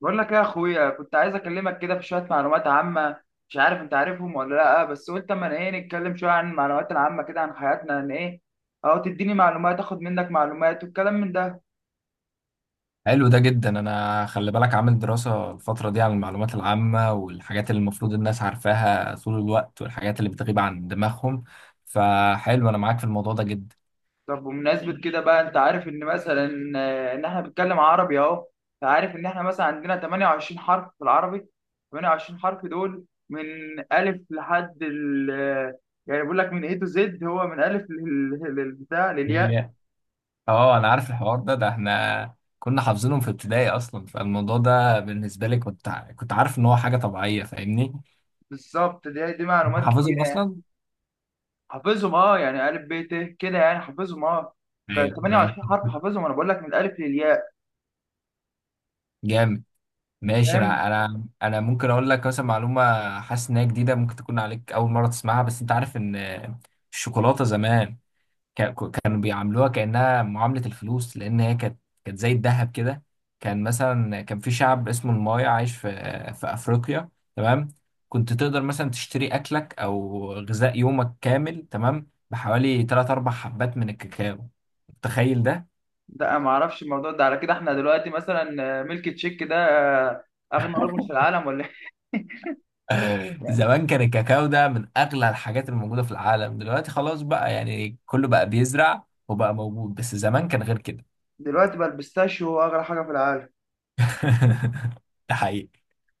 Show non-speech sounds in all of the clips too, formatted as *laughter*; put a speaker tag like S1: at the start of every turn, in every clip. S1: بقول لك يا اخويا كنت عايز اكلمك كده في شويه معلومات عامه. مش عارف انت عارفهم ولا لا، بس قلت اما ايه نتكلم شويه عن المعلومات العامه كده عن حياتنا ان ايه، او تديني معلومات اخد منك معلومات والكلام من ده.
S2: حلو ده جدا، انا خلي بالك عامل دراسة الفترة دي عن المعلومات العامة والحاجات اللي المفروض الناس عارفاها طول الوقت والحاجات اللي بتغيب عن دماغهم. فحلو انا معاك في الموضوع ده جدا.
S1: طب بمناسبه كده بقى، انت عارف ان مثلا ان احنا بنتكلم عربي اهو. فعارف ان احنا مثلا عندنا 28 حرف في العربي. 28 حرف دول من الف لحد ال يعني بقول لك من ايه تو زد، هو من الف بتاع للياء.
S2: يا- اه، انا عارف الحوار ده احنا كنا حافظينهم في ابتدائي اصلا. فالموضوع ده بالنسبة لي كنت عارف ان هو حاجة طبيعية، فاهمني.
S1: بالظبط. دي
S2: انت
S1: معلومات كتير.
S2: حافظهم اصلا.
S1: حافظهم اه، يعني الف ب ت كده، يعني حافظهم اه. كان
S2: ايوه، أيوة.
S1: 28 حرف حافظهم، انا بقول لك من الالف للياء.
S2: جامد. ماشي،
S1: فاهم.
S2: انا ممكن اقول لك مثلا معلومه. حاسس انها جديده، ممكن تكون عليك اول مره تسمعها. بس انت عارف ان الشوكولاته زمان كا- كانوا بيعاملوها كانها معامله الفلوس، لان هي كانت زي الذهب كده. كان مثلا كان في شعب اسمه المايا، عايش في افريقيا. تمام. كنت تقدر مثلا تشتري اكلك او غذاء يومك كامل، تمام؟ بحوالي 3 4 حبات من الكاكاو. تخيل ده.
S1: لا، ما اعرفش الموضوع ده. على كده احنا دلوقتي مثلا ميلك تشيك ده آه، اغنى رجل في العالم ولا إيه؟ *laughs*
S2: زمان كان الكاكاو ده من اغلى الحاجات الموجوده في العالم. دلوقتي خلاص بقى، يعني كله بقى بيزرع وبقى موجود، بس زمان كان غير كده.
S1: دلوقتي بقى البيستاشيو هو اغلى حاجه في العالم.
S2: *laughs* ده حقيقي.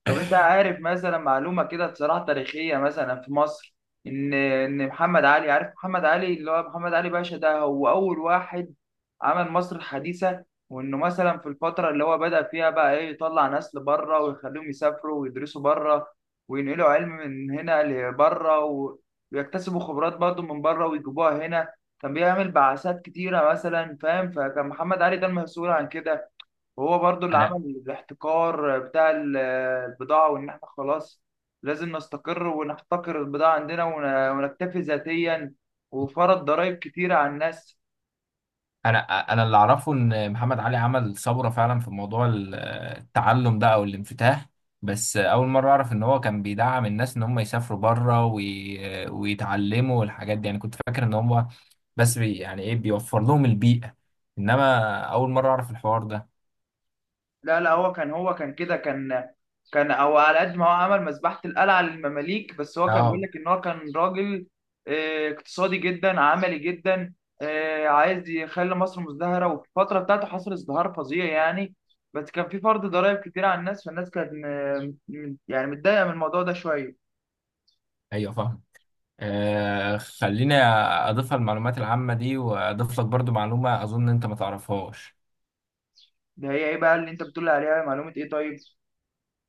S1: طب انت عارف مثلا معلومه كده بصراحه تاريخيه مثلا في مصر، ان محمد علي، عارف محمد علي اللي هو محمد علي باشا؟ ده هو اول واحد عمل مصر الحديثه، وانه مثلا في الفتره اللي هو بدأ فيها بقى ايه، يطلع ناس لبره ويخليهم يسافروا ويدرسوا بره، وينقلوا علم من هنا لبره ويكتسبوا خبرات برضه من بره ويجيبوها هنا. كان بيعمل بعثات كتيره مثلا، فاهم؟ فكان محمد علي ده المسؤول عن كده. وهو برضو اللي
S2: انا
S1: عمل الاحتكار بتاع البضاعة، وإن إحنا خلاص لازم نستقر ونحتكر البضاعة عندنا ونكتفي ذاتيا، وفرض ضرائب كتيرة على الناس.
S2: انا انا اللي اعرفه ان محمد علي عمل ثوره فعلا في موضوع التعلم ده او الانفتاح. بس اول مره اعرف ان هو كان بيدعم الناس ان هم يسافروا بره ويتعلموا والحاجات دي. يعني كنت فاكر ان هم بس يعني ايه، بيوفر لهم البيئه. انما اول مره اعرف الحوار ده.
S1: لا، هو كان، هو كان كده كان او على قد ما هو عمل مذبحة القلعة للمماليك، بس هو كان بيقول
S2: اه،
S1: لك ان هو كان راجل اقتصادي جدا، عملي جدا، عايز يخلي مصر مزدهرة. وفي الفترة بتاعته حصل ازدهار فظيع يعني. بس كان في فرض ضرائب كتير على الناس، فالناس كانت يعني متضايقة من الموضوع ده شوية.
S2: ايوه، فاهم. خليني اضيفها المعلومات العامه دي، واضيف لك برضو معلومه اظن انت ما تعرفهاش.
S1: ده هي ايه بقى اللي انت بتقول عليها معلومة ايه؟ طيب.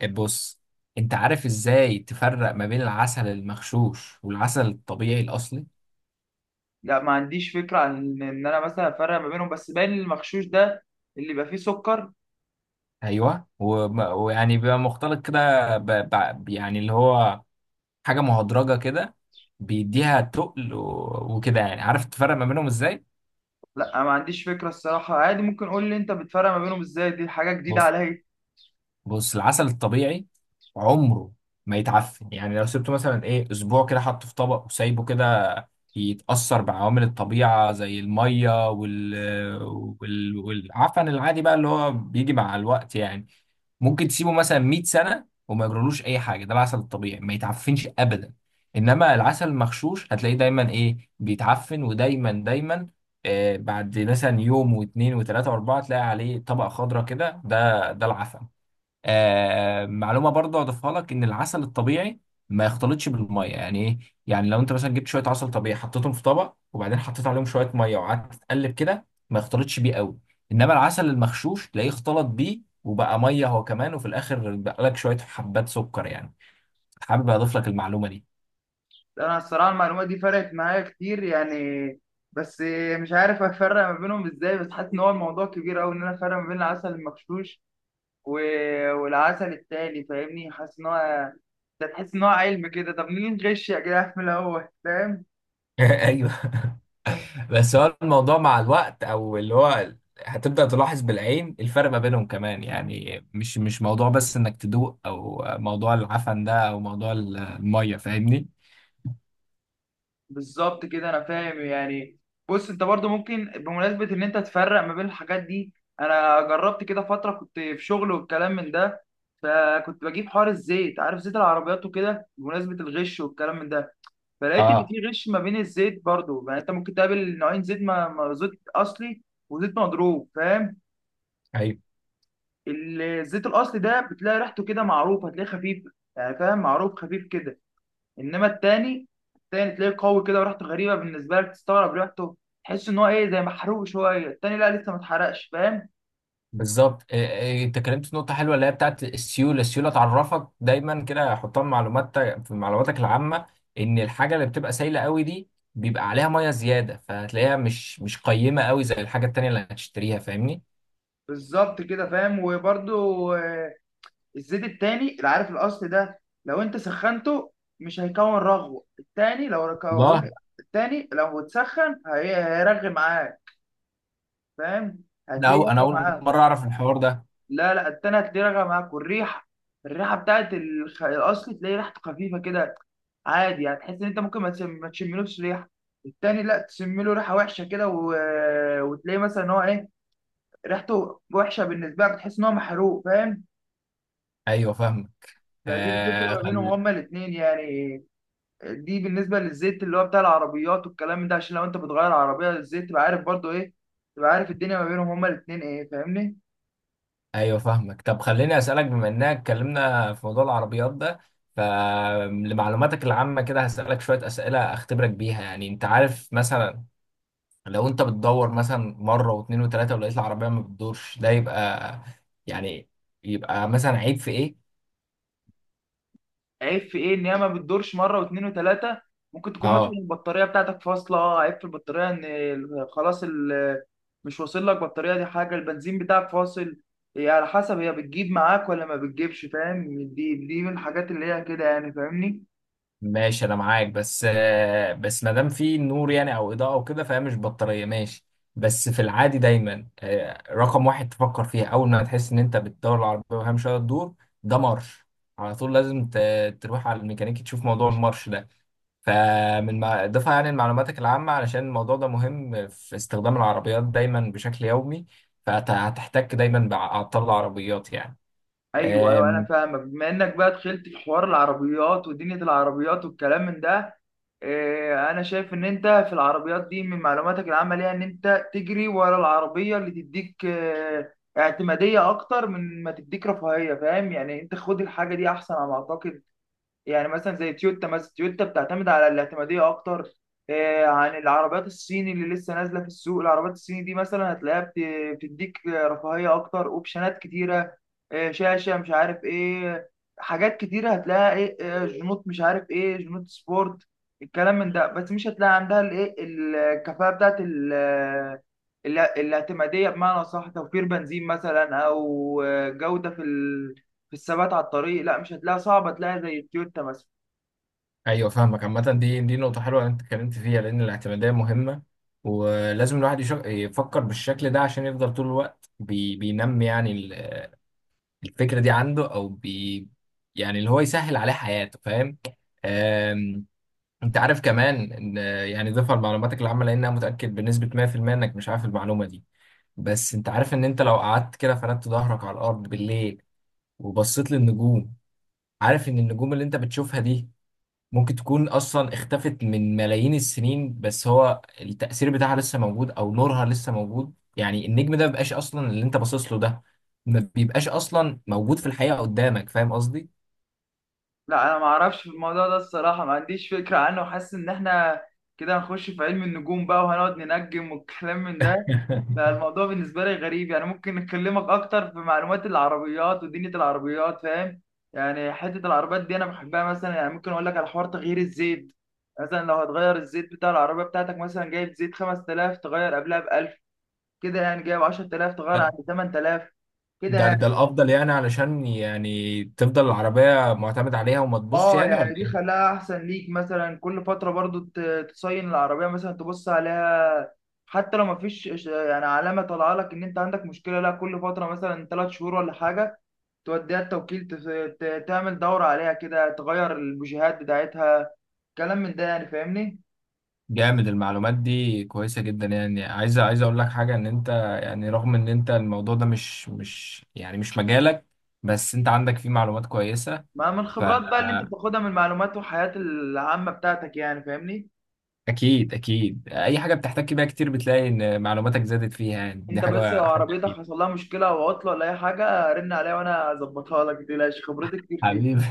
S2: بص، انت عارف ازاي تفرق ما بين العسل المغشوش والعسل الطبيعي الاصلي؟
S1: لا، ما عنديش فكرة عن ان انا مثلا افرق ما بينهم، بس باين المغشوش ده اللي يبقى فيه سكر.
S2: ايوه، ويعني بيبقى مختلط كده يعني اللي هو حاجه مهدرجه كده، بيديها تقل وكده. يعني عارف تفرق ما بينهم ازاي؟
S1: لا، أنا ما عنديش فكرة الصراحة، عادي ممكن قول لي أنت بتفرق ما بينهم إزاي، دي حاجة جديدة
S2: بص،
S1: عليا.
S2: بص، العسل الطبيعي عمره ما يتعفن. يعني لو سبته مثلا ايه اسبوع كده، حطه في طبق وسايبه كده، يتأثر بعوامل الطبيعة زي المية والعفن العادي بقى، اللي هو بيجي مع الوقت يعني. ممكن تسيبه مثلا 100 سنة وما يجرالوش أي حاجة. ده العسل الطبيعي ما يتعفنش أبدا. إنما العسل المغشوش هتلاقيه دايما إيه، بيتعفن، ودايما دايما، بعد مثلا يوم واتنين وتلاتة وأربعة تلاقي عليه طبقة خضراء كده، ده العفن. معلومه برضه اضيفها لك، ان العسل الطبيعي ما يختلطش بالميه، يعني ايه؟ يعني لو انت مثلا جبت شويه عسل طبيعي حطيتهم في طبق، وبعدين حطيت عليهم شويه ميه وقعدت تقلب كده، ما يختلطش بيه قوي. انما العسل المغشوش تلاقيه اختلط بيه وبقى ميه هو كمان، وفي الاخر بقى لك شويه حبات سكر يعني. حابب اضيف لك المعلومه دي.
S1: أنا الصراحة المعلومة دي فرقت معايا كتير يعني. بس مش عارف أفرق ما بينهم إزاي، بس حاسس إن هو الموضوع كبير أوي إن أنا أفرق ما بين العسل المغشوش و... والعسل التاني فاهمني. حاسس إن هو ده، تحس إن هو علم كده. طب مين غش يا جدع في الأول؟ فاهم.
S2: *laughs* ايوه. بس هو الموضوع مع الوقت، او اللي هو، هتبدأ تلاحظ بالعين الفرق ما بينهم كمان. يعني مش موضوع بس انك تدوق، او موضوع العفن ده، او موضوع المية. فاهمني؟
S1: بالظبط كده، انا فاهم يعني. بص، انت برضو ممكن بمناسبه ان انت تفرق ما بين الحاجات دي، انا جربت كده فتره كنت في شغل والكلام من ده. فكنت بجيب حوار الزيت، عارف زيت العربيات وكده، بمناسبه الغش والكلام من ده. فلقيت ان
S2: اه،
S1: في غش ما بين الزيت برضو. يعني انت ممكن تقابل نوعين زيت، زيت اصلي وزيت مضروب فاهم.
S2: ايوه،
S1: الزيت الاصلي ده بتلاقي ريحته كده معروفه، هتلاقيه خفيف يعني، فاهم معروف خفيف كده. انما التاني، التاني تلاقيه قوي كده وريحته غريبه بالنسبه لك، تستغرب ريحته، تحس ان هو ايه زي محروق شويه. التاني لا، لسه ما اتحرقش فاهم.
S2: بالظبط. إيه- إيه، انت اتكلمت في نقطة حلوة اللي هي بتاعت السيولة. السيولة تعرفك دايما كده، حطها في معلوماتك العامة. ان الحاجة اللي بتبقى سايلة قوي دي، بيبقى عليها مية زيادة، فهتلاقيها مش قيمة قوي زي الحاجة التانية اللي هتشتريها. فاهمني؟
S1: بالظبط كده فاهم. وبرده الزيت التاني، العارف الاصل ده لو انت سخنته مش هيكون رغوه. التاني لو كون
S2: والله.
S1: التاني لو اتسخن هيرغي معاك فاهم،
S2: لا،
S1: هتلاقيه
S2: انا
S1: رغي
S2: اول
S1: معاك.
S2: مرة اعرف الحوار ده.
S1: لا، التانية هتلاقيه راجع معاك، والريحة، الريحة بتاعت الأصل تلاقي ريحته خفيفة كده عادي، هتحس إن أنت ممكن ما تشملوش ريحة. التاني لا، تشمله ريحة وحشة كده وتلاقي مثلا إن هو إيه، ريحته وحشة بالنسبة لك، تحس إن هو محروق فاهم.
S2: ايوه، فاهمك.
S1: فدي الفكرة
S2: آه
S1: ما بينهم
S2: خل...
S1: هما الاتنين يعني. دي بالنسبة للزيت اللي هو بتاع العربيات والكلام ده، عشان لو أنت بتغير عربية الزيت تبقى عارف برضو إيه، تبقى عارف الدنيا ما بينهم هما الاتنين إيه فاهمني.
S2: ايوه، فاهمك. طب خليني اسالك، بما اننا اتكلمنا في موضوع العربيات ده، فلمعلوماتك العامه كده هسالك شويه اسئله اختبرك بيها. يعني انت عارف مثلا، لو انت بتدور مثلا مره واثنين وثلاثه ولقيت العربيه ما بتدورش، ده يبقى، يعني، يبقى مثلا عيب في ايه؟
S1: عيب في ايه ان هي ما بتدورش مره واثنين وثلاثه؟ ممكن تكون مثلا
S2: اه،
S1: البطاريه بتاعتك فاصله، عيب في البطاريه ان مش واصل لك بطاريه. دي حاجه. البنزين بتاعك فاصل، هي على حسب هي بتجيب معاك ولا ما بتجيبش فاهم. دي من الحاجات اللي هي كده يعني فاهمني.
S2: ماشي، انا معاك. بس بس ما دام في نور يعني او اضاءه وكده، فهي مش بطاريه. ماشي. بس في العادي دايما رقم واحد تفكر فيها اول ما تحس ان انت بتدور العربيه وهي مش قادره تدور، ده مرش. على طول لازم تروح على الميكانيكي تشوف موضوع المرش ده. فمن ما اضافه يعني لمعلوماتك العامه، علشان الموضوع ده مهم في استخدام العربيات دايما بشكل يومي، فهتحتك دايما بعطال العربيات يعني.
S1: ايوه ايوه انا فاهمك. بما انك بقى دخلت في حوار العربيات ودنيا العربيات والكلام من ده، انا شايف ان انت في العربيات دي من معلوماتك العامه ليها ان انت تجري ورا العربيه اللي تديك اعتماديه اكتر من ما تديك رفاهيه، فاهم؟ يعني انت خد الحاجه دي احسن على ما اعتقد. يعني مثلا زي تويوتا، مثلا تويوتا بتعتمد على الاعتمادية أكتر عن العربيات الصيني اللي لسه نازلة في السوق. العربيات الصيني دي مثلا هتلاقيها بتديك رفاهية أكتر، أوبشنات كتيرة، شاشة مش عارف إيه، حاجات كتيرة هتلاقيها إيه، جنوط مش عارف إيه، جنوط سبورت الكلام من ده. بس مش هتلاقي عندها الإيه، الكفاءة بتاعت الاعتمادية، بمعنى أصح توفير بنزين مثلا، أو جودة في في الثبات على الطريق، لا مش هتلاقيها، صعبه تلاقيها زي التويوتا مثلا.
S2: ايوه، فاهمك. عامة دي نقطة حلوة اللي انت اتكلمت فيها، لأن الاعتمادية مهمة. ولازم الواحد يفكر بالشكل ده عشان يفضل طول الوقت بينمي، يعني الفكرة دي عنده، أو يعني اللي هو يسهل عليه حياته. فاهم؟ أم... أنت عارف كمان إن، يعني، ضيفها لمعلوماتك العامة، لأن أنا متأكد بنسبة 100% إنك مش عارف المعلومة دي. بس أنت عارف إن أنت لو قعدت كده فردت ظهرك على الأرض بالليل وبصيت للنجوم، عارف إن النجوم اللي أنت بتشوفها دي ممكن تكون اصلا اختفت من ملايين السنين، بس هو التأثير بتاعها لسه موجود او نورها لسه موجود. يعني النجم ده مبيبقاش اصلا، اللي انت باصص له ده ما بيبقاش اصلا موجود في الحقيقة قدامك. فاهم قصدي؟
S1: لا انا ما اعرفش في الموضوع ده الصراحه، ما عنديش فكره عنه، وحاسس ان احنا كده هنخش في علم النجوم بقى وهنقعد ننجم والكلام من ده.
S2: *laughs*
S1: فالموضوع بالنسبه لي غريب يعني. ممكن نكلمك اكتر في معلومات العربيات ودنيا العربيات فاهم. يعني حته العربيات دي انا بحبها مثلا. يعني ممكن اقول لك على حوار تغيير الزيت. مثلا لو هتغير الزيت بتاع العربيه بتاعتك، مثلا جايب زيت 5000 تغير قبلها ب 1000 كده، يعني جايب 10000 تغير عند 8000
S2: ده
S1: كده.
S2: الافضل يعني، علشان يعني تفضل العربية معتمد عليها وما تبصش
S1: اه
S2: يعني، ولا
S1: يعني دي
S2: ايه؟
S1: خلاها احسن ليك. مثلا كل فتره برضو تصين العربيه، مثلا تبص عليها حتى لو مفيش يعني علامه طالعه لك ان انت عندك مشكله، لا كل فتره مثلا 3 شهور ولا حاجه توديها التوكيل تعمل دوره عليها كده، تغير البوجيهات بتاعتها، كلام من ده يعني فاهمني.
S2: جامد. المعلومات دي كويسة جدا. يعني عايز اقول لك حاجة، ان انت، يعني، رغم ان انت الموضوع ده مش يعني مش مجالك، بس انت عندك فيه معلومات كويسة.
S1: ما من الخبرات بقى اللي انت بتاخدها من المعلومات والحياه العامه بتاعتك يعني فاهمني.
S2: اكيد، اكيد. اي حاجه بتحتك بيها كتير بتلاقي ان معلوماتك زادت فيها، يعني دي
S1: انت بس لو
S2: حاجه
S1: عربيتك
S2: اكيد.
S1: حصل لها مشكله او عطله ولا اي حاجه رن عليا وانا اظبطها لك، متقلقش خبرتي كتير فيها.
S2: حبيبي. *laughs*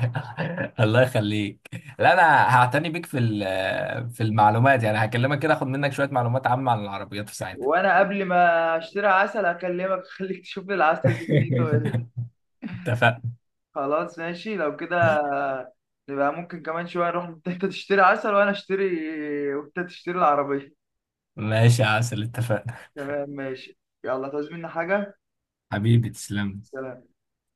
S2: الله يخليك. لا انا هعتني بيك في المعلومات، يعني هكلمك كده اخد منك شويه معلومات عامه عن العربيات في ساعتها.
S1: وانا قبل ما اشتري عسل اكلمك اخليك *laughs* تشوف لي العسل دي دنيته ايه.
S2: *laughs* *laughs* اتفقنا.
S1: خلاص ماشي لو كده، نبقى ممكن كمان شويه نروح، انت *laughs* تشتري عسل وانا اشتري، وانت تشتري العربيه.
S2: ماشي يا عسل، اتفقنا.
S1: تمام ماشي، يلا تعوز مني حاجه؟
S2: حبيبي، تسلم.
S1: سلام.